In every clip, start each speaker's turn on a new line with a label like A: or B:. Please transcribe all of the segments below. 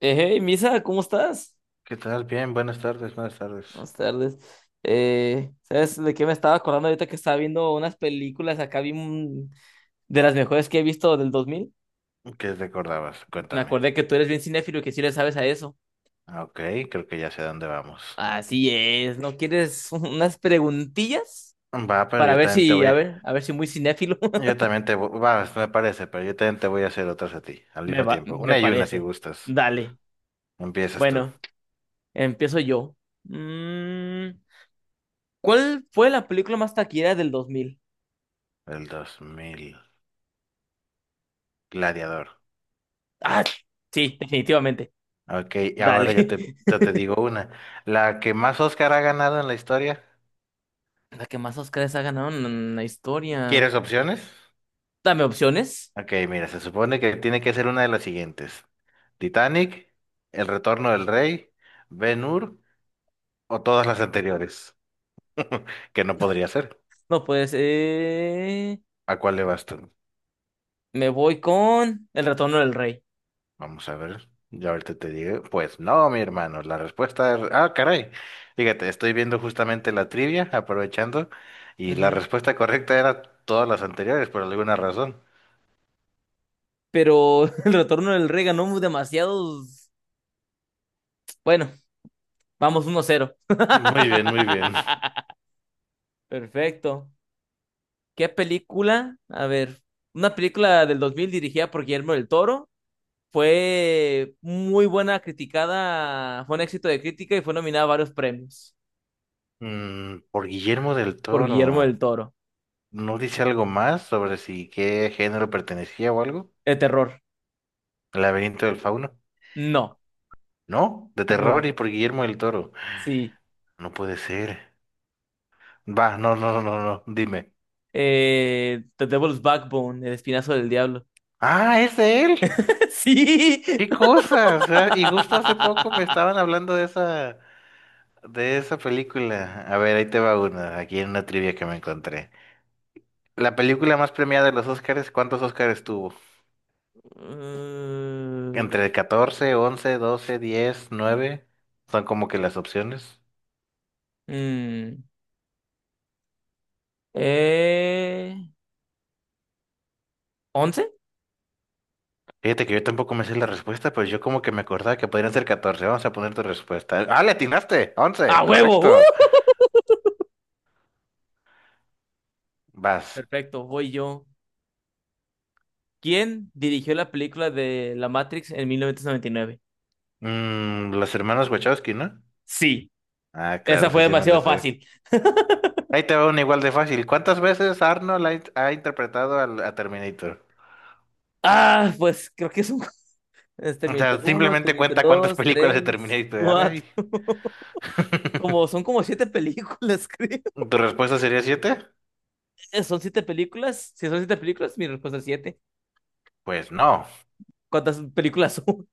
A: Hey, Misa, ¿cómo estás?
B: ¿Qué tal? Bien, buenas tardes, buenas tardes.
A: Buenas tardes. ¿Sabes de qué me estaba acordando ahorita que estaba viendo unas películas acá de las mejores que he visto del 2000?
B: ¿Qué recordabas?
A: Me
B: Cuéntame.
A: acordé que tú eres bien cinéfilo y que sí le sabes a eso.
B: Ah, Ok, creo que ya sé a dónde vamos.
A: Así es, ¿no quieres unas preguntillas
B: Va, pero
A: para
B: yo
A: ver
B: también te
A: si,
B: voy.
A: a ver si muy cinéfilo
B: Yo también te voy. Va, me parece, pero yo también te voy a hacer otras a ti, al
A: me
B: mismo
A: va,
B: tiempo.
A: me
B: Una y una si
A: parece.
B: gustas.
A: Dale.
B: Empiezas tú.
A: Bueno, empiezo yo. Mm, ¿Cuál fue la película más taquillera del 2000?
B: El dos mil. Gladiador.
A: Ah, sí, definitivamente.
B: Ok, y ahora
A: Dale.
B: yo te, yo te digo una. La que más Oscar ha ganado en la historia.
A: La que más Oscars ha ganado en la historia.
B: ¿Quieres opciones?
A: Dame opciones.
B: Ok, mira, se supone que tiene que ser una de las siguientes. Titanic, El Retorno del Rey, Ben-Hur, o todas las anteriores, que no podría ser.
A: No puede ser.
B: ¿A cuál le vas tú?
A: Me voy con El Retorno del Rey.
B: Vamos a ver. Yo ahorita te digo. Pues no, mi hermano. La respuesta es... Ah, caray. Fíjate, estoy viendo justamente la trivia, aprovechando, y la
A: Ujú.
B: respuesta correcta era todas las anteriores, por alguna razón.
A: Pero El Retorno del Rey ganó demasiados. Bueno, vamos uno cero
B: Muy bien, muy bien.
A: Perfecto. ¿Qué película? A ver, una película del 2000 dirigida por Guillermo del Toro. Fue muy buena, criticada, fue un éxito de crítica y fue nominada a varios premios
B: Por Guillermo del
A: por Guillermo
B: Toro.
A: del Toro.
B: ¿No dice algo más sobre si qué género pertenecía o algo?
A: De terror.
B: ¿El laberinto del fauno?
A: No.
B: No, de terror y por Guillermo del Toro.
A: Sí.
B: No puede ser. Va, no, no, no, no, no, dime.
A: The Devil's Backbone, El Espinazo del Diablo.
B: Ah, es de él.
A: Sí.
B: Qué cosa. O sea, y justo hace poco me estaban hablando de esa, película. A ver, ahí te va una, aquí en una trivia que me encontré. La película más premiada de los Oscars, ¿cuántos Oscars tuvo?
A: Mm,
B: Entre 14, 11, 12, 10, nueve. Son como que las opciones.
A: mm, eh, ¿Once?
B: Fíjate que yo tampoco me sé la respuesta, pero yo como que me acordaba que podrían ser 14. Vamos a poner tu respuesta. Ah, le atinaste.
A: ¡A
B: 11,
A: huevo! ¡Uh!
B: correcto. Vas.
A: Perfecto, voy yo. ¿Quién dirigió la película de La Matrix en mil novecientos noventa y nueve?
B: Los hermanos Wachowski, ¿no?
A: Sí,
B: Ah,
A: esa
B: claro, eso
A: fue
B: sí me lo
A: demasiado
B: sé.
A: fácil.
B: Ahí te va una igual de fácil. ¿Cuántas veces Arnold ha interpretado a Terminator?
A: Ah, pues creo que es un... es
B: O
A: Terminator
B: sea,
A: uno,
B: simplemente
A: Terminator
B: cuenta cuántas
A: dos,
B: películas de
A: tres,
B: Terminator hay.
A: cuatro. Como, son como siete películas, creo.
B: ¿Tu respuesta sería siete?
A: Son siete películas. Si son siete películas, mi respuesta es siete.
B: Pues no.
A: ¿Cuántas películas son?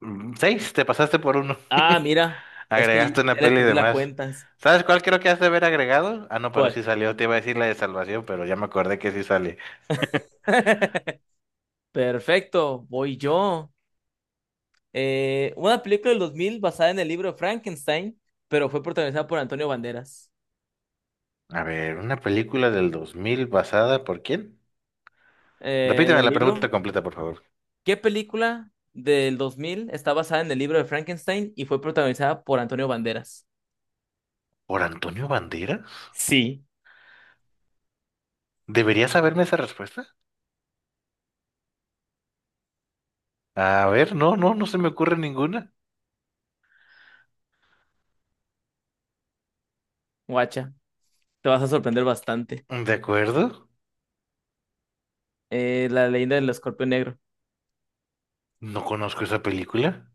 B: Seis, te pasaste por uno.
A: Ah, mira, es que...
B: Agregaste una peli de más. ¿Sabes cuál creo que has de haber agregado? Ah, no, pero
A: ¿Cuál?
B: sí salió. Te iba a decir la de Salvación, pero ya me acordé que sí sale.
A: Perfecto, voy yo. Una película del 2000 basada en el libro Frankenstein, pero fue protagonizada por Antonio Banderas.
B: A ver, ¿una película del 2000 basada por quién?
A: En
B: Repíteme
A: el
B: la pregunta
A: libro,
B: completa, por favor.
A: ¿qué película del 2000 está basada en el libro de Frankenstein y fue protagonizada por Antonio Banderas?
B: ¿Por Antonio Banderas?
A: Sí,
B: ¿Debería saberme esa respuesta? A ver, no, no, no se me ocurre ninguna.
A: guacha, te vas a sorprender bastante.
B: ¿De acuerdo?
A: La leyenda del escorpión negro.
B: No conozco esa película.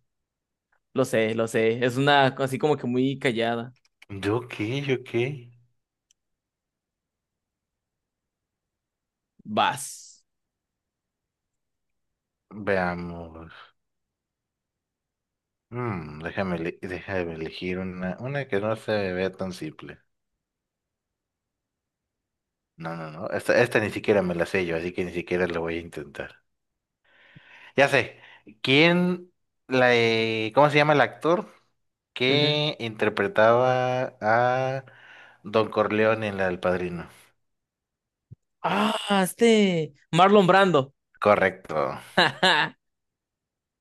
A: Lo sé, lo sé. Es una así como que muy callada.
B: ¿De ok, ok?
A: Vas.
B: Veamos. Déjame elegir una que no se me vea tan simple. No, no, no. Esta ni siquiera me la sé yo, así que ni siquiera la voy a intentar. Ya sé. ¿Quién ¿cómo se llama el actor
A: Ujú.
B: que interpretaba a Don Corleone en la del Padrino?
A: Ah, este. Marlon Brando.
B: Correcto.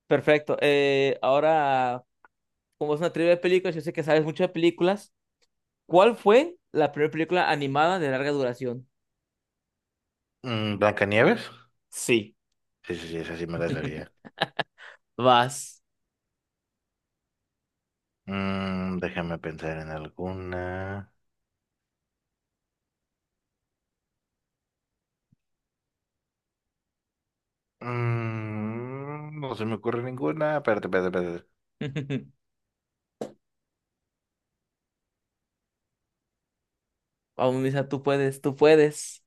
A: Perfecto. Ahora, como es una trivia de películas, yo sé que sabes mucho de películas. ¿Cuál fue la primera película animada de larga duración?
B: ¿Blancanieves?
A: Sí,
B: Sí, sí, sí, esa sí me la sabía.
A: vas.
B: Déjame pensar en alguna. No se me ocurre ninguna. Espérate, espérate, espérate.
A: Vamos, Misa, tú puedes, tú puedes.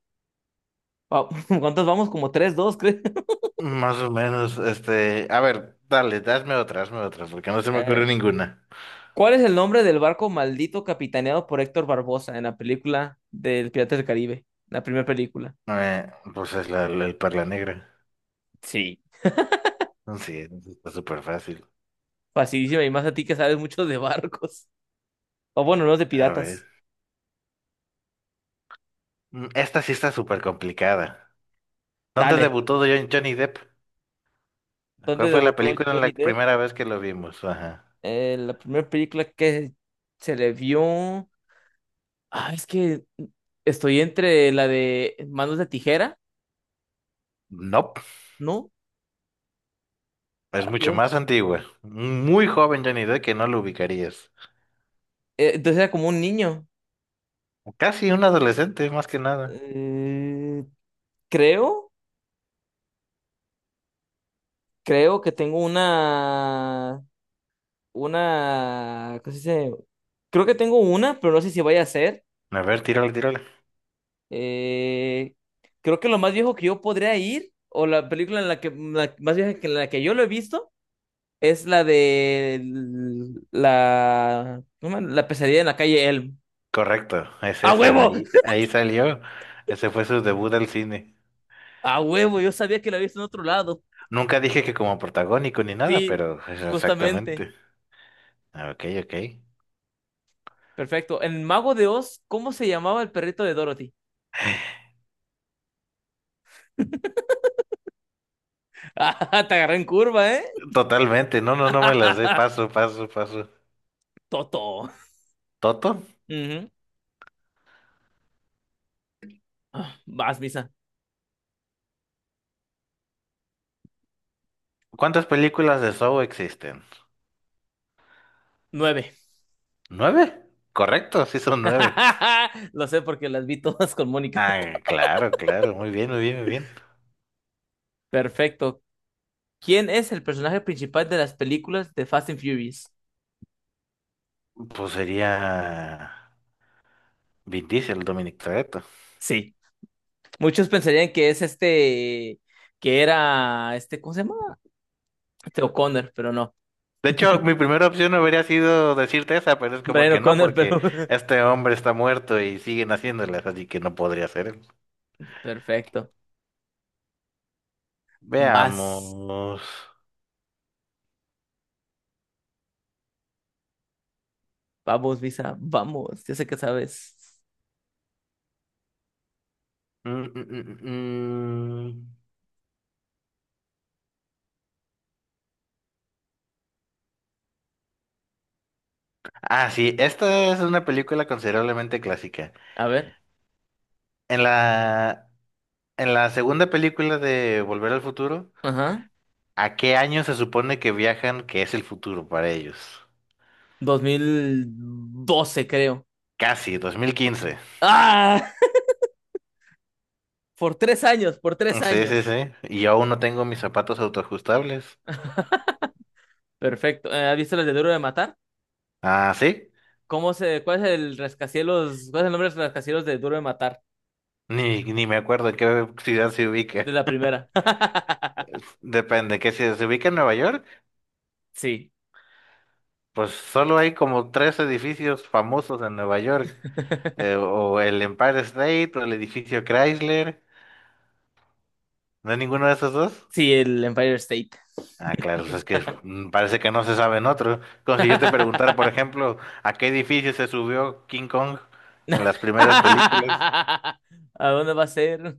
A: Va- ¿Cuántos vamos? Como tres, dos, creo.
B: Más o menos. A ver, dale, dame otra, hazme otra, porque no se me ocurre
A: Eh,
B: ninguna.
A: ¿cuál es el nombre del barco maldito capitaneado por Héctor Barbosa en la película del Piratas del Caribe? La primera película.
B: Pues es el Perla Negra.
A: Sí.
B: Sí, está súper fácil.
A: Facilísima, y más a ti que sabes mucho de barcos. O bueno, no de
B: A ver.
A: piratas.
B: Esta sí está súper complicada. ¿Dónde
A: Dale.
B: debutó Johnny Depp? ¿Cuál
A: ¿Dónde
B: fue la
A: debutó?
B: película en la primera vez que lo vimos? Ajá.
A: La primera película que se le vio. Ah, es que estoy entre la de Manos de Tijera.
B: No. Es
A: Ay,
B: mucho
A: Dios.
B: más antigua. Muy joven Johnny Depp que no lo ubicarías.
A: Entonces era como un niño.
B: Casi un adolescente, más que nada.
A: Eh, creo, creo que tengo una. Una. ¿Cómo se dice? Creo que tengo una, pero no sé si vaya a ser.
B: A ver, tírale, tírale.
A: Eh, creo que lo más viejo que yo podría ir, o la película en la que la más vieja que en la que yo lo he visto. Es la de la, ¿cómo? La pesadilla en la calle Elm.
B: Correcto, es
A: ¡A
B: esa.
A: huevo!
B: Ahí salió. Ese fue su debut al cine.
A: ¡A huevo! Yo sabía que la había visto en otro lado.
B: Nunca dije que como protagónico ni nada,
A: Sí,
B: pero es
A: justamente.
B: exactamente. Ah, Ok, ok.
A: Perfecto. En Mago de Oz, ¿cómo se llamaba el perrito de Dorothy? Ah, te agarré en curva, ¿eh?
B: Totalmente. No, no, no me las sé. Paso, paso, paso.
A: Toto.
B: ¿Toto?
A: Ah, vas, Misa.
B: ¿Cuántas películas de Saw existen?
A: Nueve.
B: ¿Nueve? Correcto, sí son nueve.
A: Lo sé porque las vi todas con Mónica.
B: Ah, claro, claro. Muy bien, muy bien, muy bien.
A: Perfecto. ¿Quién es el personaje principal de las películas de Fast and Furious?
B: Pues sería... Vin Diesel, Dominic Toretto.
A: Sí. Muchos pensarían que es este, que era este, ¿cómo se llama? Este, O'Connor, pero no.
B: De hecho, mi primera opción habría sido decirte esa, pero es como
A: Brian
B: que no,
A: O'Connor,
B: porque
A: pero.
B: este hombre está muerto y siguen haciéndolas, así que no podría ser él.
A: Perfecto. Vas.
B: Veamos.
A: Vamos, Visa. Vamos. Ya sé que sabes.
B: Mm, mm, mm, mm. mm. Ah, sí, esta es una película considerablemente clásica.
A: A ver.
B: En la, en la segunda película de Volver al Futuro,
A: Ajá.
B: ¿a qué año se supone que viajan que es el futuro para ellos?
A: 2012, creo.
B: Casi, 2015.
A: ¡Ah! Por tres años, por tres
B: Sí, sí,
A: años.
B: sí. Y yo aún no tengo mis zapatos autoajustables.
A: Perfecto. ¿Has visto las de Duro de Matar?
B: Ah, sí.
A: ¿Cuál es el rascacielos, cuál es el nombre de los rascacielos de Duro de Matar?
B: Ni me acuerdo en qué ciudad se ubica.
A: La primera.
B: Depende, que si se ubica en Nueva York,
A: Sí,
B: pues solo hay como tres edificios famosos en Nueva York. O el Empire State o el edificio Chrysler. ¿No hay ninguno de esos dos?
A: sí, el Empire State.
B: Ah, claro, pues es que parece que no se sabe en otro. Como si yo te preguntara,
A: ¿A
B: por ejemplo, ¿a qué edificio se subió King Kong en las primeras películas?
A: dónde va a ser?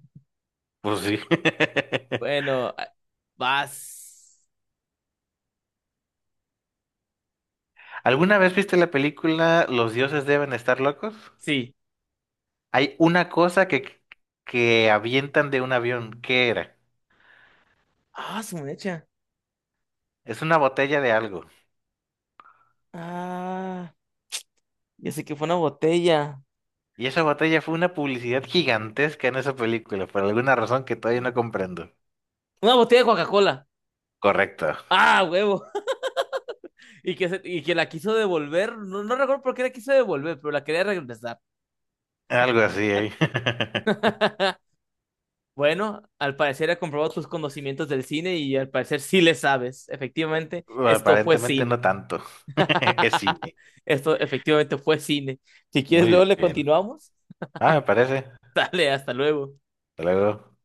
B: Pues sí.
A: Bueno, vas.
B: ¿Alguna vez viste la película Los dioses deben estar locos?
A: Sí.
B: Hay una cosa que avientan de un avión. ¿Qué era?
A: Ah, su mecha.
B: Es una botella de algo.
A: Ah, ya sé que fue una botella.
B: Y esa botella fue una publicidad gigantesca en esa película, por alguna razón que todavía no comprendo.
A: Una botella de Coca-Cola.
B: Correcto.
A: Ah, huevo. Y y que la quiso devolver. No, no recuerdo por qué la quiso devolver, pero la quería regresar.
B: Algo así, ¿eh?
A: Bueno, al parecer he comprobado tus conocimientos del cine y al parecer sí le sabes. Efectivamente, esto fue
B: Aparentemente
A: cine.
B: no tanto. Es cine.
A: Esto efectivamente fue cine. Si quieres, luego
B: Muy
A: le
B: bien.
A: continuamos.
B: Ah, me parece.
A: Dale, hasta luego.
B: Hasta luego.